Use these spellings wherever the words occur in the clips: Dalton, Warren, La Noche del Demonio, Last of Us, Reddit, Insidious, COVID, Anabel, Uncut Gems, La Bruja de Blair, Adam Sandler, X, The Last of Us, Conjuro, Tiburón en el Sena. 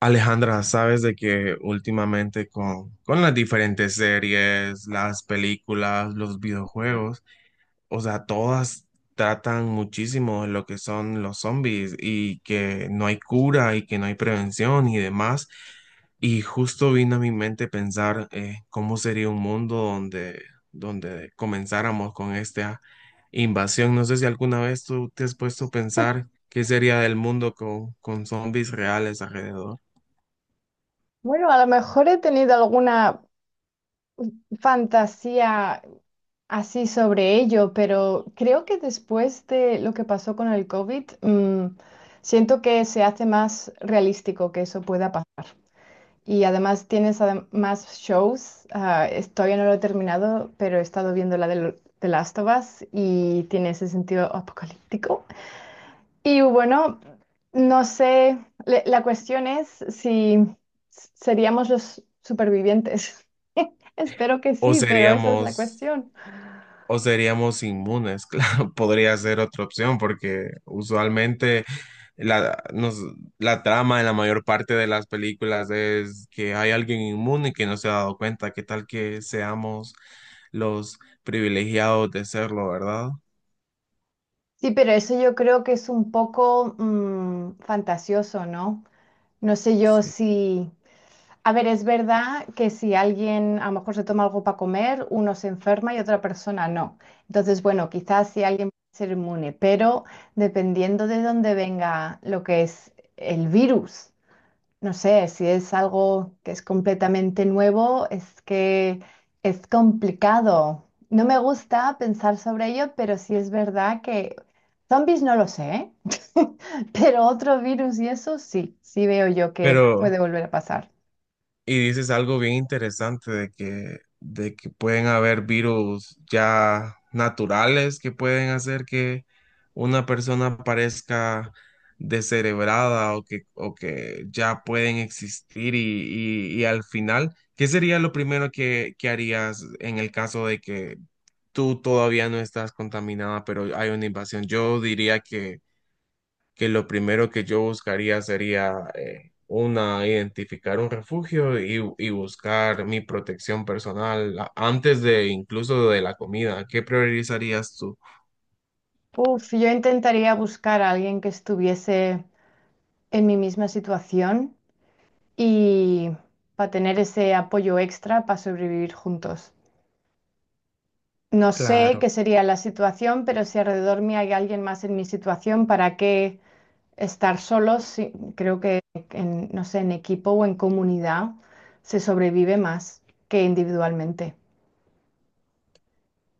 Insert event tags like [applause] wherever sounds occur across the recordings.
Alejandra, sabes de que últimamente con las diferentes series, las películas, los videojuegos, o sea, todas tratan muchísimo de lo que son los zombies y que no hay cura y que no hay prevención y demás. Y justo vino a mi mente pensar cómo sería un mundo donde comenzáramos con esta invasión. No sé si alguna vez tú te has puesto a pensar qué sería del mundo con zombies reales alrededor. Bueno, a lo mejor he tenido alguna fantasía así sobre ello, pero creo que después de lo que pasó con el COVID, siento que se hace más realístico que eso pueda pasar. Y además tienes más shows. Todavía no lo he terminado, pero he estado viendo la de Last of Us y tiene ese sentido apocalíptico. Y bueno, no sé, la cuestión es si seríamos los supervivientes. [laughs] Espero que O sí, pero esa es seríamos, la cuestión. o seríamos inmunes, [laughs] claro, podría ser otra opción, porque usualmente la, nos, la trama en la mayor parte de las películas es que hay alguien inmune que no se ha dado cuenta. ¿Qué tal que seamos los privilegiados de serlo, verdad? Sí, pero eso yo creo que es un poco fantasioso, ¿no? No sé yo Sí. si... A ver, es verdad que si alguien a lo mejor se toma algo para comer, uno se enferma y otra persona no. Entonces, bueno, quizás si alguien puede ser inmune, pero dependiendo de dónde venga lo que es el virus. No sé, si es algo que es completamente nuevo, es que es complicado. No me gusta pensar sobre ello, pero sí es verdad que zombies no lo sé, ¿eh? [laughs] Pero otro virus y eso sí, sí veo yo que Pero, puede volver a pasar. Y dices algo bien interesante de que pueden haber virus ya naturales que pueden hacer que una persona parezca descerebrada o que ya pueden existir y al final, ¿qué sería lo primero que harías en el caso de que tú todavía no estás contaminada, pero hay una invasión? Yo diría que lo primero que yo buscaría sería identificar un refugio y buscar mi protección personal antes de incluso de la comida. ¿Qué priorizarías tú? Uf, yo intentaría buscar a alguien que estuviese en mi misma situación y para tener ese apoyo extra para sobrevivir juntos. No sé Claro. qué sería la situación, pero si alrededor mío hay alguien más en mi situación, ¿para qué estar solos? Sí, creo que no sé, en equipo o en comunidad se sobrevive más que individualmente.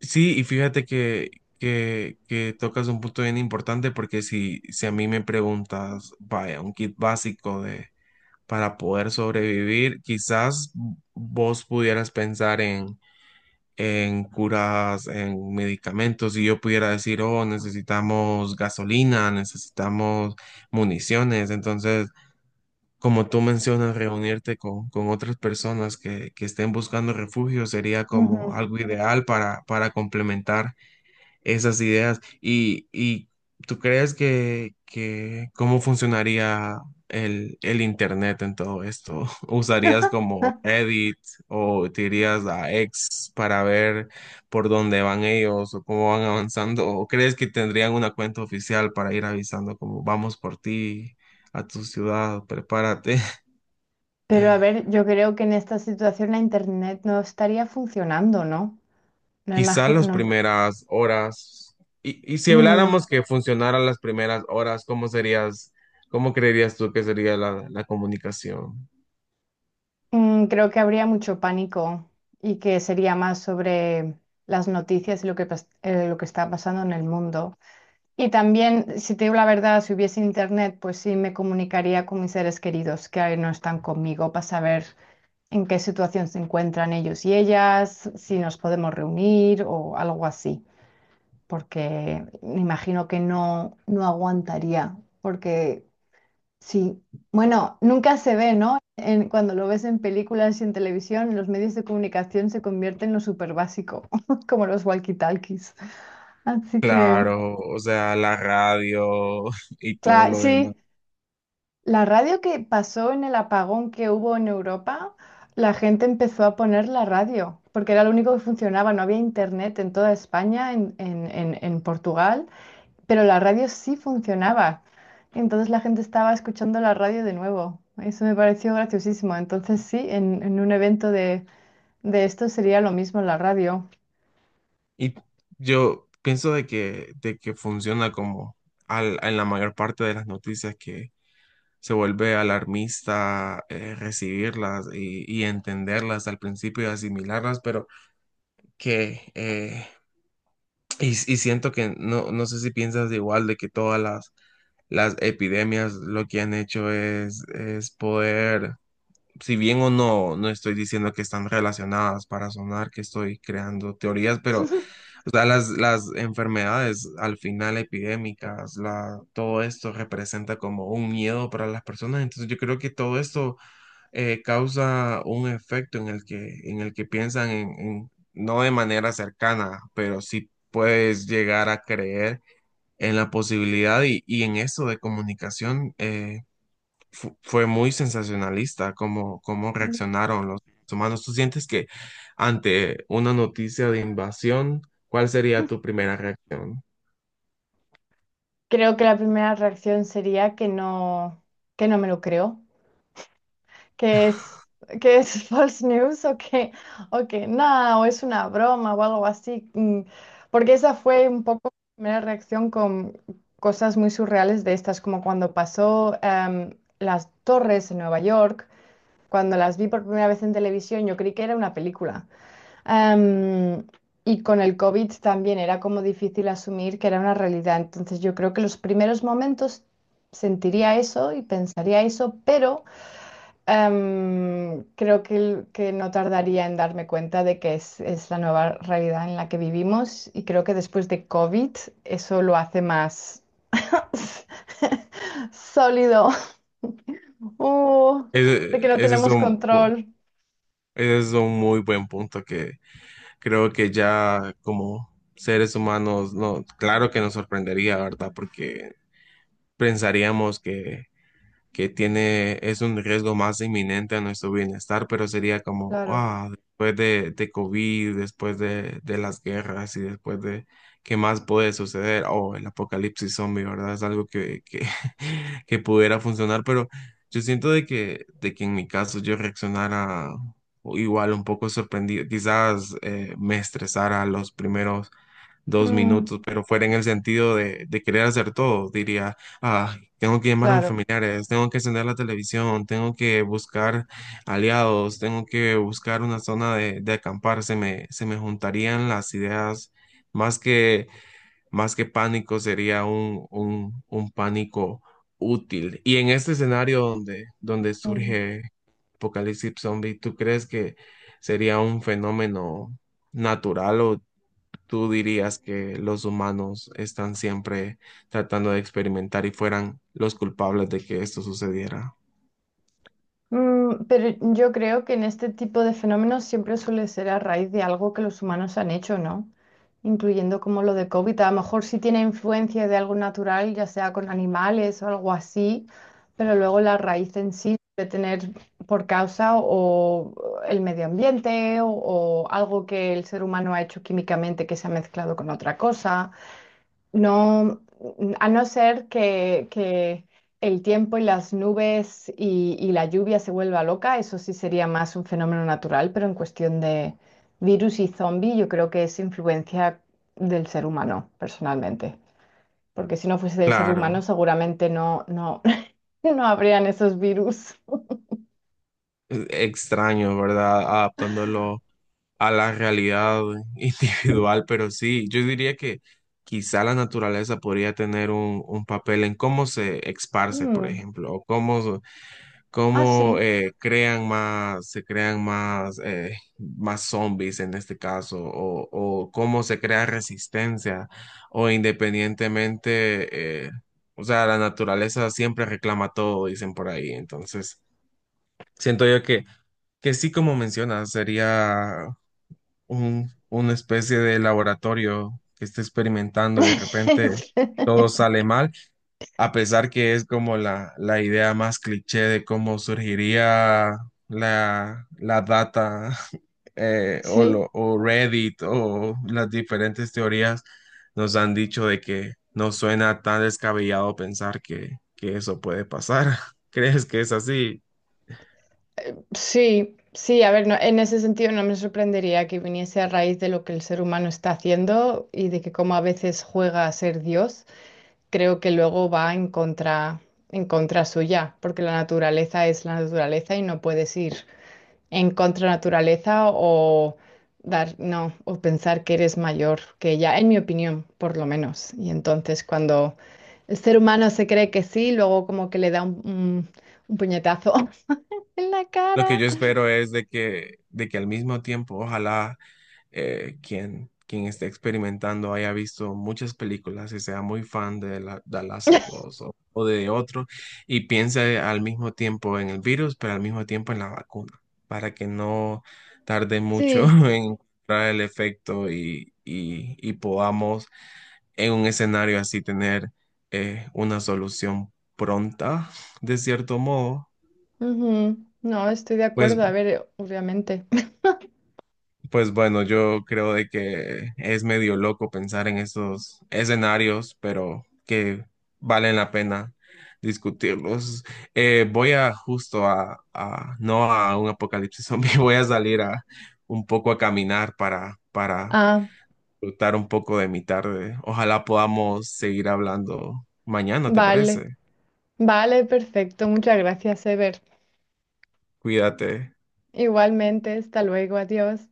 Sí, y fíjate que tocas un punto bien importante porque si a mí me preguntas, vaya, un kit básico de, para poder sobrevivir, quizás vos pudieras pensar en curas, en medicamentos, y yo pudiera decir, oh, necesitamos gasolina, necesitamos municiones. Entonces, como tú mencionas, reunirte con otras personas que estén buscando refugio sería como Ujú. algo ideal para complementar esas ideas. ¿Y tú crees que cómo funcionaría el Internet en todo esto? [laughs] ¿Usarías como [laughs] Reddit o te irías a X para ver por dónde van ellos o cómo van avanzando? ¿O crees que tendrían una cuenta oficial para ir avisando como vamos por ti a tu ciudad, prepárate? Pero a [laughs] ver, yo creo que en esta situación la internet no estaría funcionando, ¿no? No Quizás las imagino. primeras horas, y si Mm, habláramos que funcionaran las primeras horas, ¿cómo serías, cómo creerías tú que sería la comunicación? Creo que habría mucho pánico y que sería más sobre las noticias y lo que, lo que está pasando en el mundo. Y también, si te digo la verdad, si hubiese internet, pues sí me comunicaría con mis seres queridos que ahí no están conmigo para saber en qué situación se encuentran ellos y ellas, si nos podemos reunir o algo así, porque me imagino que no aguantaría, porque sí, bueno, nunca se ve, ¿no? Cuando lo ves en películas y en televisión, los medios de comunicación se convierten en lo súper básico, [laughs] como los walkie-talkies. Así que... Claro, o sea, la radio [laughs] y todo Claro, lo demás. sí, la radio que pasó en el apagón que hubo en Europa, la gente empezó a poner la radio, porque era lo único que funcionaba, no había internet en toda España, en Portugal, pero la radio sí funcionaba. Entonces la gente estaba escuchando la radio de nuevo. Eso me pareció graciosísimo. Entonces sí, en un evento de esto sería lo mismo la radio. Y yo pienso de que funciona como en la mayor parte de las noticias que se vuelve alarmista, recibirlas y entenderlas al principio y asimilarlas, pero que Y, y siento que no, no sé si piensas igual de que todas las epidemias lo que han hecho es poder, si bien o no, no estoy diciendo que están relacionadas para sonar que estoy creando teorías, pero [laughs] o sea, las enfermedades al final epidémicas, la, todo esto representa como un miedo para las personas, entonces yo creo que todo esto causa un efecto en el que piensan en, no de manera cercana, pero sí puedes llegar a creer en la posibilidad y en eso de comunicación, fue muy sensacionalista cómo, cómo reaccionaron los humanos. ¿Tú sientes que ante una noticia de invasión, cuál sería tu primera reacción? Creo que la primera reacción sería que no me lo creo. que es, que es [laughs] false news o que nada, o es una broma o algo así. Porque esa fue un poco mi primera reacción con cosas muy surreales de estas, como cuando pasó las torres en Nueva York, cuando las vi por primera vez en televisión, yo creí que era una película. Em, y con el COVID también era como difícil asumir que era una realidad. Entonces yo creo que los primeros momentos sentiría eso y pensaría eso, pero... Creo que que no tardaría en darme cuenta de que es la nueva realidad en la que vivimos y creo que después de COVID eso lo hace más [laughs] sólido. Uh, de que Ese, no ese es tenemos un, pu- control. ese es un muy buen punto. Creo que ya como seres humanos, no, claro que nos sorprendería, ¿verdad? Porque pensaríamos que tiene, es un riesgo más inminente a nuestro bienestar, pero sería como, Claro, ah, después de COVID, después de las guerras y después de qué más puede suceder, o el apocalipsis zombie, ¿verdad? Es algo [laughs] que pudiera funcionar, pero yo siento de que en mi caso yo reaccionara igual un poco sorprendido, quizás me estresara los primeros dos minutos, mm, pero fuera en el sentido de querer hacer todo. Diría, ah, tengo que llamar a mis claro. familiares, tengo que encender la televisión, tengo que buscar aliados, tengo que buscar una zona de acampar. Se me juntarían las ideas, más que, más que pánico, sería un pánico útil. Y en este escenario donde Mm. surge Apocalipsis Zombie, ¿tú crees que sería un fenómeno natural o ¿tú dirías que los humanos están siempre tratando de experimentar y fueran los culpables de que esto sucediera? Mm, pero yo creo que en este tipo de fenómenos siempre suele ser a raíz de algo que los humanos han hecho, ¿no? Incluyendo como lo de COVID. A lo mejor sí tiene influencia de algo natural, ya sea con animales o algo así, pero luego la raíz en sí debe tener por causa o el medio ambiente o algo que el ser humano ha hecho químicamente que se ha mezclado con otra cosa. No, a no ser que el tiempo y las nubes y la lluvia se vuelva loca, eso sí sería más un fenómeno natural, pero en cuestión de virus y zombie, yo creo que es influencia del ser humano, personalmente. Porque si no fuese del ser humano, Claro, seguramente [laughs] no habrían esos virus. Extraño, ¿verdad? Adaptándolo a la realidad [laughs] individual, pero sí, yo diría que quizá la naturaleza podría tener un papel en cómo se esparce, por Mm. ejemplo, o cómo Ah, cómo sí. Se crean más, más zombies en este caso, o cómo se crea resistencia, o independientemente, o sea, la naturaleza siempre reclama todo, dicen por ahí. Entonces, siento yo que sí, como mencionas, sería una especie de laboratorio que esté experimentando y de repente todo sale [laughs] mal, a pesar que es como la idea más cliché de cómo surgiría la data, [laughs] Sí. O Reddit o las diferentes teorías nos han dicho de que no suena tan descabellado pensar que eso puede pasar. [laughs] ¿Crees que es así? Sí, sí, a ver, en ese sentido no me sorprendería que viniese a raíz de lo que el ser humano está haciendo y de que como a veces juega a ser Dios, creo que luego va en contra suya, porque la naturaleza es la naturaleza y no puedes ir en contra naturaleza o dar, no, o pensar que eres mayor que ella, en mi opinión, por lo menos. Y entonces cuando el ser humano se cree que sí, luego como que le da un puñetazo [laughs] en la Lo que cara. yo espero es de que al mismo tiempo, ojalá quien esté experimentando haya visto muchas películas y sea muy fan de la, The Last of [laughs] Us o de otro y piense al mismo tiempo en el virus, pero al mismo tiempo en la vacuna, para que no tarde mucho Sí, [laughs] en encontrar el efecto y podamos en un escenario así tener una solución pronta, de cierto modo. ujú. No, estoy de Pues acuerdo. A ver, obviamente. [laughs] pues bueno, yo creo de que es medio loco pensar en esos escenarios, pero que valen la pena discutirlos. Voy a justo no a un apocalipsis zombie, [laughs] voy a salir a un poco a caminar para Ah, disfrutar un poco de mi tarde. Ojalá podamos seguir hablando mañana, ¿te vale. parece? Vale, perfecto. Muchas gracias, Ever. Cuídate. Igualmente, hasta luego. Adiós.